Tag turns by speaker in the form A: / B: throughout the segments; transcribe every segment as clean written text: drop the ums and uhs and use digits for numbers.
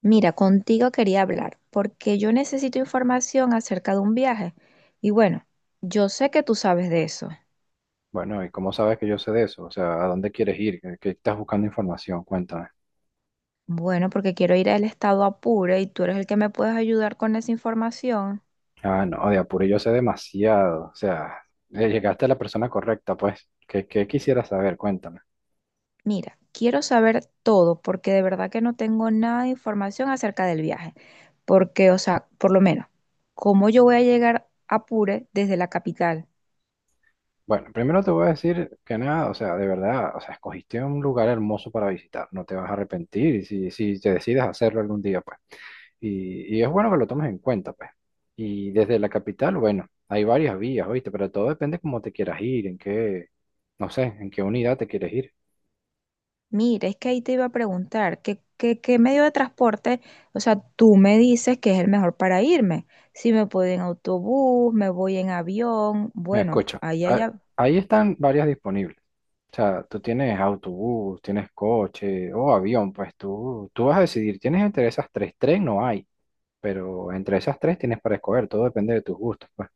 A: Mira, contigo quería hablar porque yo necesito información acerca de un viaje. Y bueno, yo sé que tú sabes de eso.
B: Bueno, ¿y cómo sabes que yo sé de eso? O sea, ¿a dónde quieres ir? ¿Qué estás buscando información? Cuéntame.
A: Bueno, porque quiero ir al estado Apure y tú eres el que me puedes ayudar con esa información.
B: Ah, no, de Apure yo sé demasiado. O sea, llegaste a la persona correcta, pues. ¿Qué quisieras saber? Cuéntame.
A: Mira, quiero saber todo porque de verdad que no tengo nada de información acerca del viaje. Porque, o sea, por lo menos, ¿cómo yo voy a llegar a Apure desde la capital?
B: Bueno, primero te voy a decir que nada, o sea, de verdad, o sea, escogiste un lugar hermoso para visitar. No te vas a arrepentir y si te decides hacerlo algún día, pues. Y es bueno que lo tomes en cuenta, pues. Y desde la capital, bueno, hay varias vías, ¿oíste? Pero todo depende cómo te quieras ir, en qué, no sé, en qué unidad te quieres ir.
A: Mira, es que ahí te iba a preguntar, ¿qué medio de transporte? O sea, tú me dices que es el mejor para irme. Si me puedo ir en autobús, me voy en avión,
B: Me
A: bueno,
B: Escucha,
A: ahí
B: ah
A: allá.
B: ahí están varias disponibles. O sea, tú tienes autobús, tienes coche o avión, pues tú vas a decidir. Tienes entre esas tres, tres no hay, pero entre esas tres tienes para escoger, todo depende de tus gustos, pues.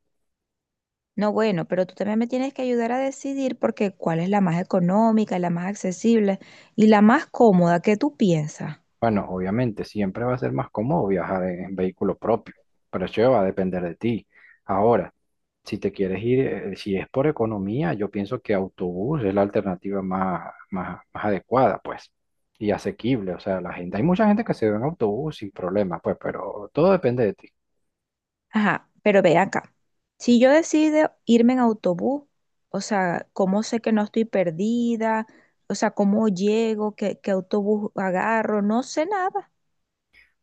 A: No, bueno, pero tú también me tienes que ayudar a decidir porque cuál es la más económica, la más accesible y la más cómoda que tú piensas.
B: Bueno, obviamente, siempre va a ser más cómodo viajar en vehículo propio, pero eso va a depender de ti. Ahora, si te quieres ir, si es por economía, yo pienso que autobús es la alternativa más adecuada, pues, y asequible. O sea, la gente, hay mucha gente que se va en autobús sin problema, pues, pero todo depende de ti.
A: Ajá, pero ve acá. Si yo decido irme en autobús, o sea, ¿cómo sé que no estoy perdida? O sea, ¿cómo llego? ¿Qué autobús agarro? No sé nada.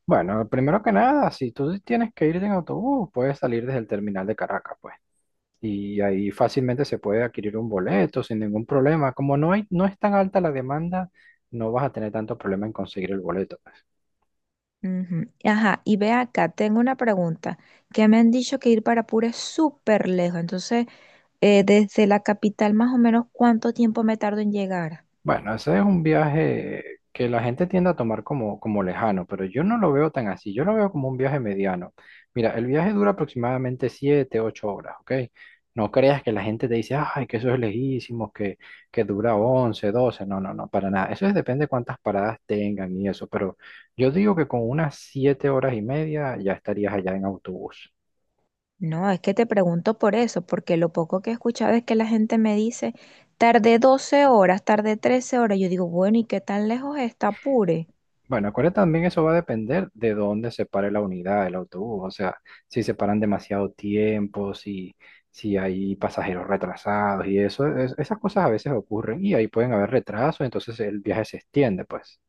B: Bueno, primero que nada, si tú tienes que ir en autobús, puedes salir desde el terminal de Caracas, pues. Y ahí fácilmente se puede adquirir un boleto sin ningún problema. Como no es tan alta la demanda, no vas a tener tanto problema en conseguir el boleto.
A: Ujú. Ajá, y ve acá, tengo una pregunta, que me han dicho que ir para Pura es súper lejos, entonces, desde la capital más o menos, ¿cuánto tiempo me tardo en llegar?
B: Bueno, ese es un viaje que la gente tiende a tomar como lejano, pero yo no lo veo tan así, yo lo veo como un viaje mediano. Mira, el viaje dura aproximadamente 7 8 horas, ¿ok? No creas que la gente te dice, ay, que eso es lejísimo, que dura 11 12, no, no, no, para nada. Depende de cuántas paradas tengan y eso, pero yo digo que con unas 7 horas y media ya estarías allá en autobús.
A: No, es que te pregunto por eso, porque lo poco que he escuchado es que la gente me dice, tardé 12 horas, tardé 13 horas. Yo digo, bueno, ¿y qué tan lejos está Apure?
B: Bueno, acuérdate también eso va a depender de dónde se pare la unidad, el autobús. O sea, si se paran demasiado tiempo, si hay pasajeros retrasados y eso, esas cosas a veces ocurren y ahí pueden haber retrasos, entonces el viaje se extiende, pues,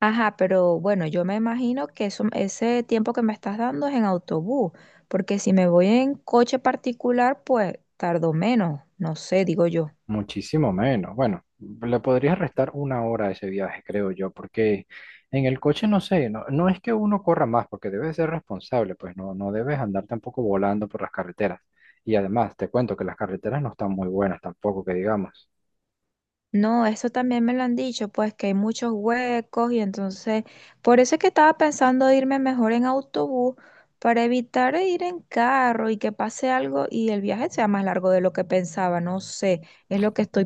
A: Ajá, pero bueno, yo me imagino que eso, ese tiempo que me estás dando es en autobús, porque si me voy en coche particular, pues tardo menos, no sé, digo yo.
B: muchísimo menos. Bueno, le podrías restar 1 hora a ese viaje, creo yo, porque en el coche no sé, no es que uno corra más, porque debes ser responsable, pues no, no debes andar tampoco volando por las carreteras. Y además, te cuento que las carreteras no están muy buenas tampoco, que digamos.
A: No, eso también me lo han dicho, pues que hay muchos huecos y entonces, por eso es que estaba pensando irme mejor en autobús para evitar ir en carro y que pase algo y el viaje sea más largo de lo que pensaba, no sé, es lo que estoy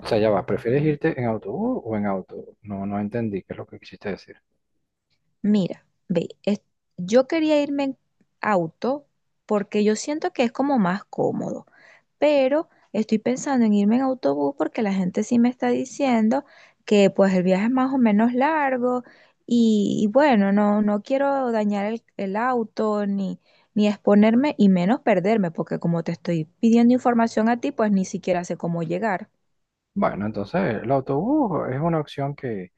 B: O sea, ya va, ¿prefieres irte en autobús o en auto? No, no entendí qué es lo que quisiste decir.
A: Mira, ve, yo quería irme en auto porque yo siento que es como más cómodo, pero estoy pensando en irme en autobús porque la gente sí me está diciendo que pues el viaje es más o menos largo y bueno, no, no quiero dañar el auto ni exponerme y menos perderme porque como te estoy pidiendo información a ti, pues ni siquiera sé cómo llegar.
B: Bueno, entonces el autobús es una opción que,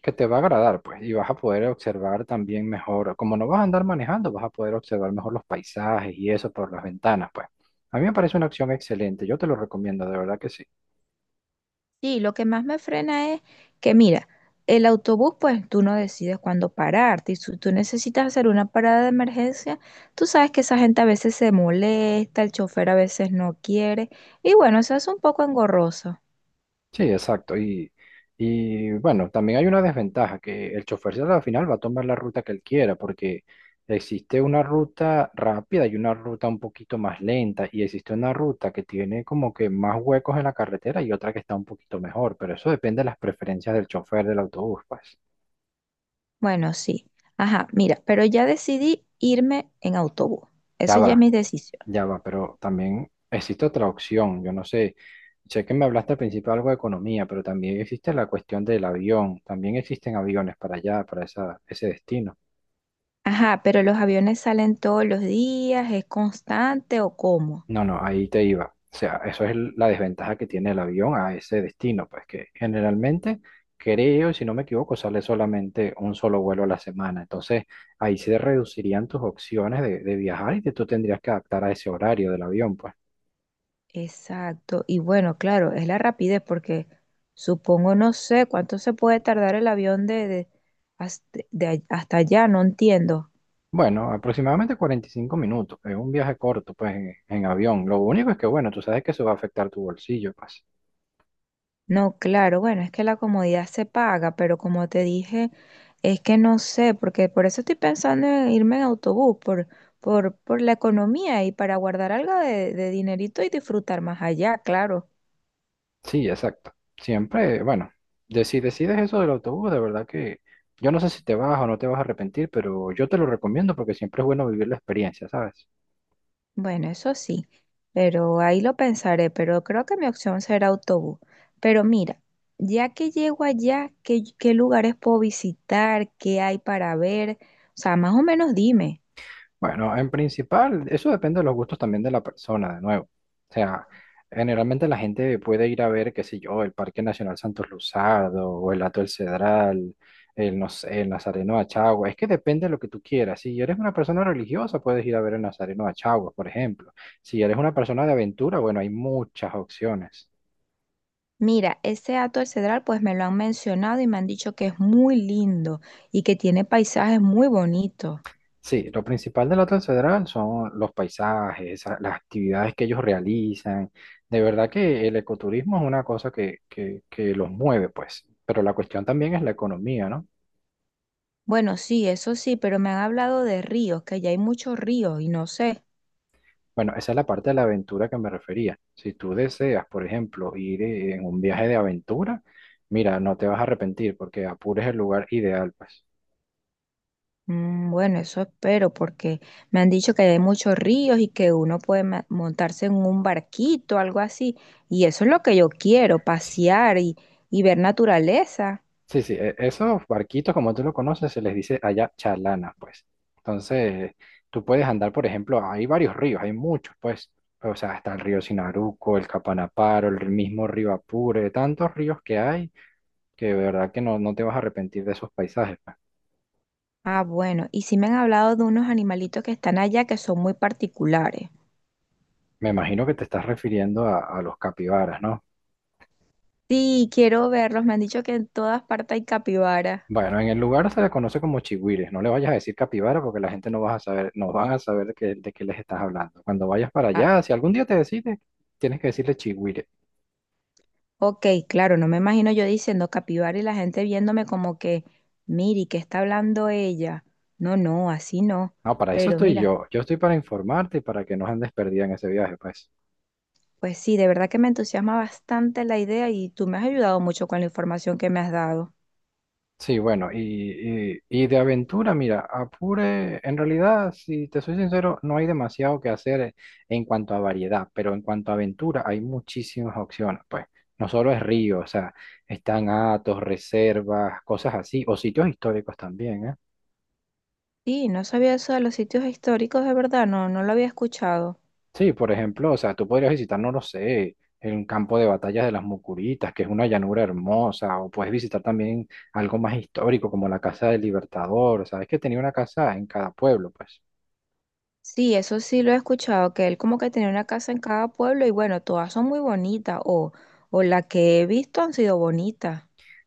B: que te va a agradar, pues, y vas a poder observar también mejor, como no vas a andar manejando, vas a poder observar mejor los paisajes y eso por las ventanas, pues. A mí me parece una opción excelente, yo te lo recomiendo, de verdad que sí.
A: Sí, lo que más me frena es que, mira, el autobús, pues tú no decides cuándo pararte. Y si tú necesitas hacer una parada de emergencia, tú sabes que esa gente a veces se molesta, el chofer a veces no quiere. Y bueno, eso es un poco engorroso.
B: Sí, exacto. Y bueno, también hay una desventaja, que el chofer al final va a tomar la ruta que él quiera, porque existe una ruta rápida y una ruta un poquito más lenta, y existe una ruta que tiene como que más huecos en la carretera y otra que está un poquito mejor, pero eso depende de las preferencias del chofer del autobús, pues.
A: Bueno, sí. Ajá, mira, pero ya decidí irme en autobús.
B: Ya
A: Eso ya es
B: va,
A: mi decisión.
B: ya va, pero también existe otra opción, yo no sé. Sé que me hablaste al principio algo de economía, pero también existe la cuestión del avión. También existen aviones para allá, para ese destino.
A: Ajá, pero los aviones salen todos los días, ¿es constante o cómo?
B: No, no, ahí te iba. O sea, eso es la desventaja que tiene el avión a ese destino, pues que generalmente creo, si no me equivoco, sale solamente un solo vuelo a la semana. Entonces, ahí se reducirían tus opciones de viajar y que tú tendrías que adaptar a ese horario del avión, pues.
A: Exacto. Y bueno, claro, es la rapidez porque supongo, no sé cuánto se puede tardar el avión hasta, hasta allá, no entiendo.
B: Bueno, aproximadamente 45 minutos. Es un viaje corto, pues, en avión. Lo único es que, bueno, tú sabes que eso va a afectar tu bolsillo, pues.
A: No, claro, bueno, es que la comodidad se paga, pero como te dije, es que no sé, porque por eso estoy pensando en irme en autobús, por la economía y para guardar algo de dinerito y disfrutar más allá, claro.
B: Sí, exacto. Siempre, bueno, si decides eso del autobús, de verdad que yo no sé si te vas o no te vas a arrepentir, pero yo te lo recomiendo porque siempre es bueno vivir la experiencia, ¿sabes?
A: Bueno, eso sí, pero ahí lo pensaré, pero creo que mi opción será autobús. Pero mira, ya que llego allá, ¿qué lugares puedo visitar? ¿Qué hay para ver? O sea, más o menos dime.
B: Bueno, en principal, eso depende de los gustos también de la persona, de nuevo. O sea, generalmente la gente puede ir a ver, qué sé yo, el Parque Nacional Santos Luzardo, o el Hato del Cedral, el, no sé, el Nazareno de Achagua. Es que depende de lo que tú quieras. Si eres una persona religiosa, puedes ir a ver el Nazareno de Achagua, por ejemplo. Si eres una persona de aventura, bueno, hay muchas opciones.
A: Mira, ese Hato del Cedral, pues me lo han mencionado y me han dicho que es muy lindo y que tiene paisajes muy bonitos.
B: Sí, lo principal de la Transfederal son los paisajes, las actividades que ellos realizan. De verdad que el ecoturismo es una cosa que los mueve, pues. Pero la cuestión también es la economía, ¿no?
A: Bueno, sí, eso sí, pero me han hablado de ríos, que allá hay muchos ríos y no sé.
B: Bueno, esa es la parte de la aventura que me refería. Si tú deseas, por ejemplo, ir en un viaje de aventura, mira, no te vas a arrepentir porque Apure es el lugar ideal, pues.
A: Mm, bueno, eso espero porque me han dicho que hay muchos ríos y que uno puede montarse en un barquito, algo así. Y eso es lo que yo quiero, pasear y ver naturaleza.
B: Sí, sí, esos barquitos, como tú lo conoces, se les dice allá chalanas, pues. Entonces, tú puedes andar, por ejemplo, hay varios ríos, hay muchos, pues. O sea, está el río Sinaruco, el Capanaparo, el mismo río Apure, tantos ríos que hay que de verdad que no, no te vas a arrepentir de esos paisajes, pues.
A: Ah, bueno, y sí me han hablado de unos animalitos que están allá que son muy particulares.
B: Me imagino que te estás refiriendo a los capibaras, ¿no?
A: Sí, quiero verlos. Me han dicho que en todas partes hay capibara.
B: Bueno, en el lugar se le conoce como chigüires. No le vayas a decir capibara porque la gente no vas a saber, no van a saber de qué les estás hablando. Cuando vayas para
A: Ah,
B: allá, si algún día te decides, tienes que decirle chigüire.
A: ok, claro, no me imagino yo diciendo capibara y la gente viéndome como que, miri, ¿qué está hablando ella? No, no, así no.
B: No, para eso
A: Pero
B: estoy
A: mira.
B: yo. Yo estoy para informarte y para que no andes perdida en ese viaje, pues.
A: Pues sí, de verdad que me entusiasma bastante la idea y tú me has ayudado mucho con la información que me has dado.
B: Sí, bueno, y de aventura, mira, Apure, en realidad, si te soy sincero, no hay demasiado que hacer en cuanto a variedad, pero en cuanto a aventura hay muchísimas opciones, pues. No solo es río, o sea, están atos, reservas, cosas así, o sitios históricos también, ¿eh?
A: Sí, no sabía eso de los sitios históricos, de verdad, no, no lo había escuchado.
B: Sí, por ejemplo, o sea, tú podrías visitar, no lo sé, el campo de batallas de las Mucuritas, que es una llanura hermosa, o puedes visitar también algo más histórico como la Casa del Libertador, sabes que tenía una casa en cada pueblo, pues.
A: Sí, eso sí lo he escuchado, que él como que tenía una casa en cada pueblo y bueno, todas son muy bonitas o la que he visto han sido bonitas.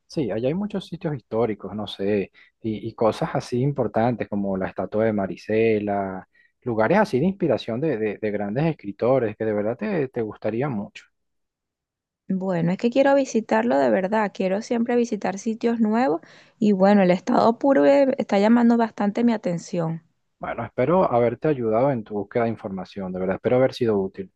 B: Sí, allá hay muchos sitios históricos, no sé, y cosas así importantes como la estatua de Marisela, lugares así de inspiración de grandes escritores que de verdad te gustaría mucho.
A: Bueno, es que quiero visitarlo de verdad, quiero siempre visitar sitios nuevos y bueno, el estado puro está llamando bastante mi atención.
B: Bueno, espero haberte ayudado en tu búsqueda de información, de verdad, espero haber sido útil.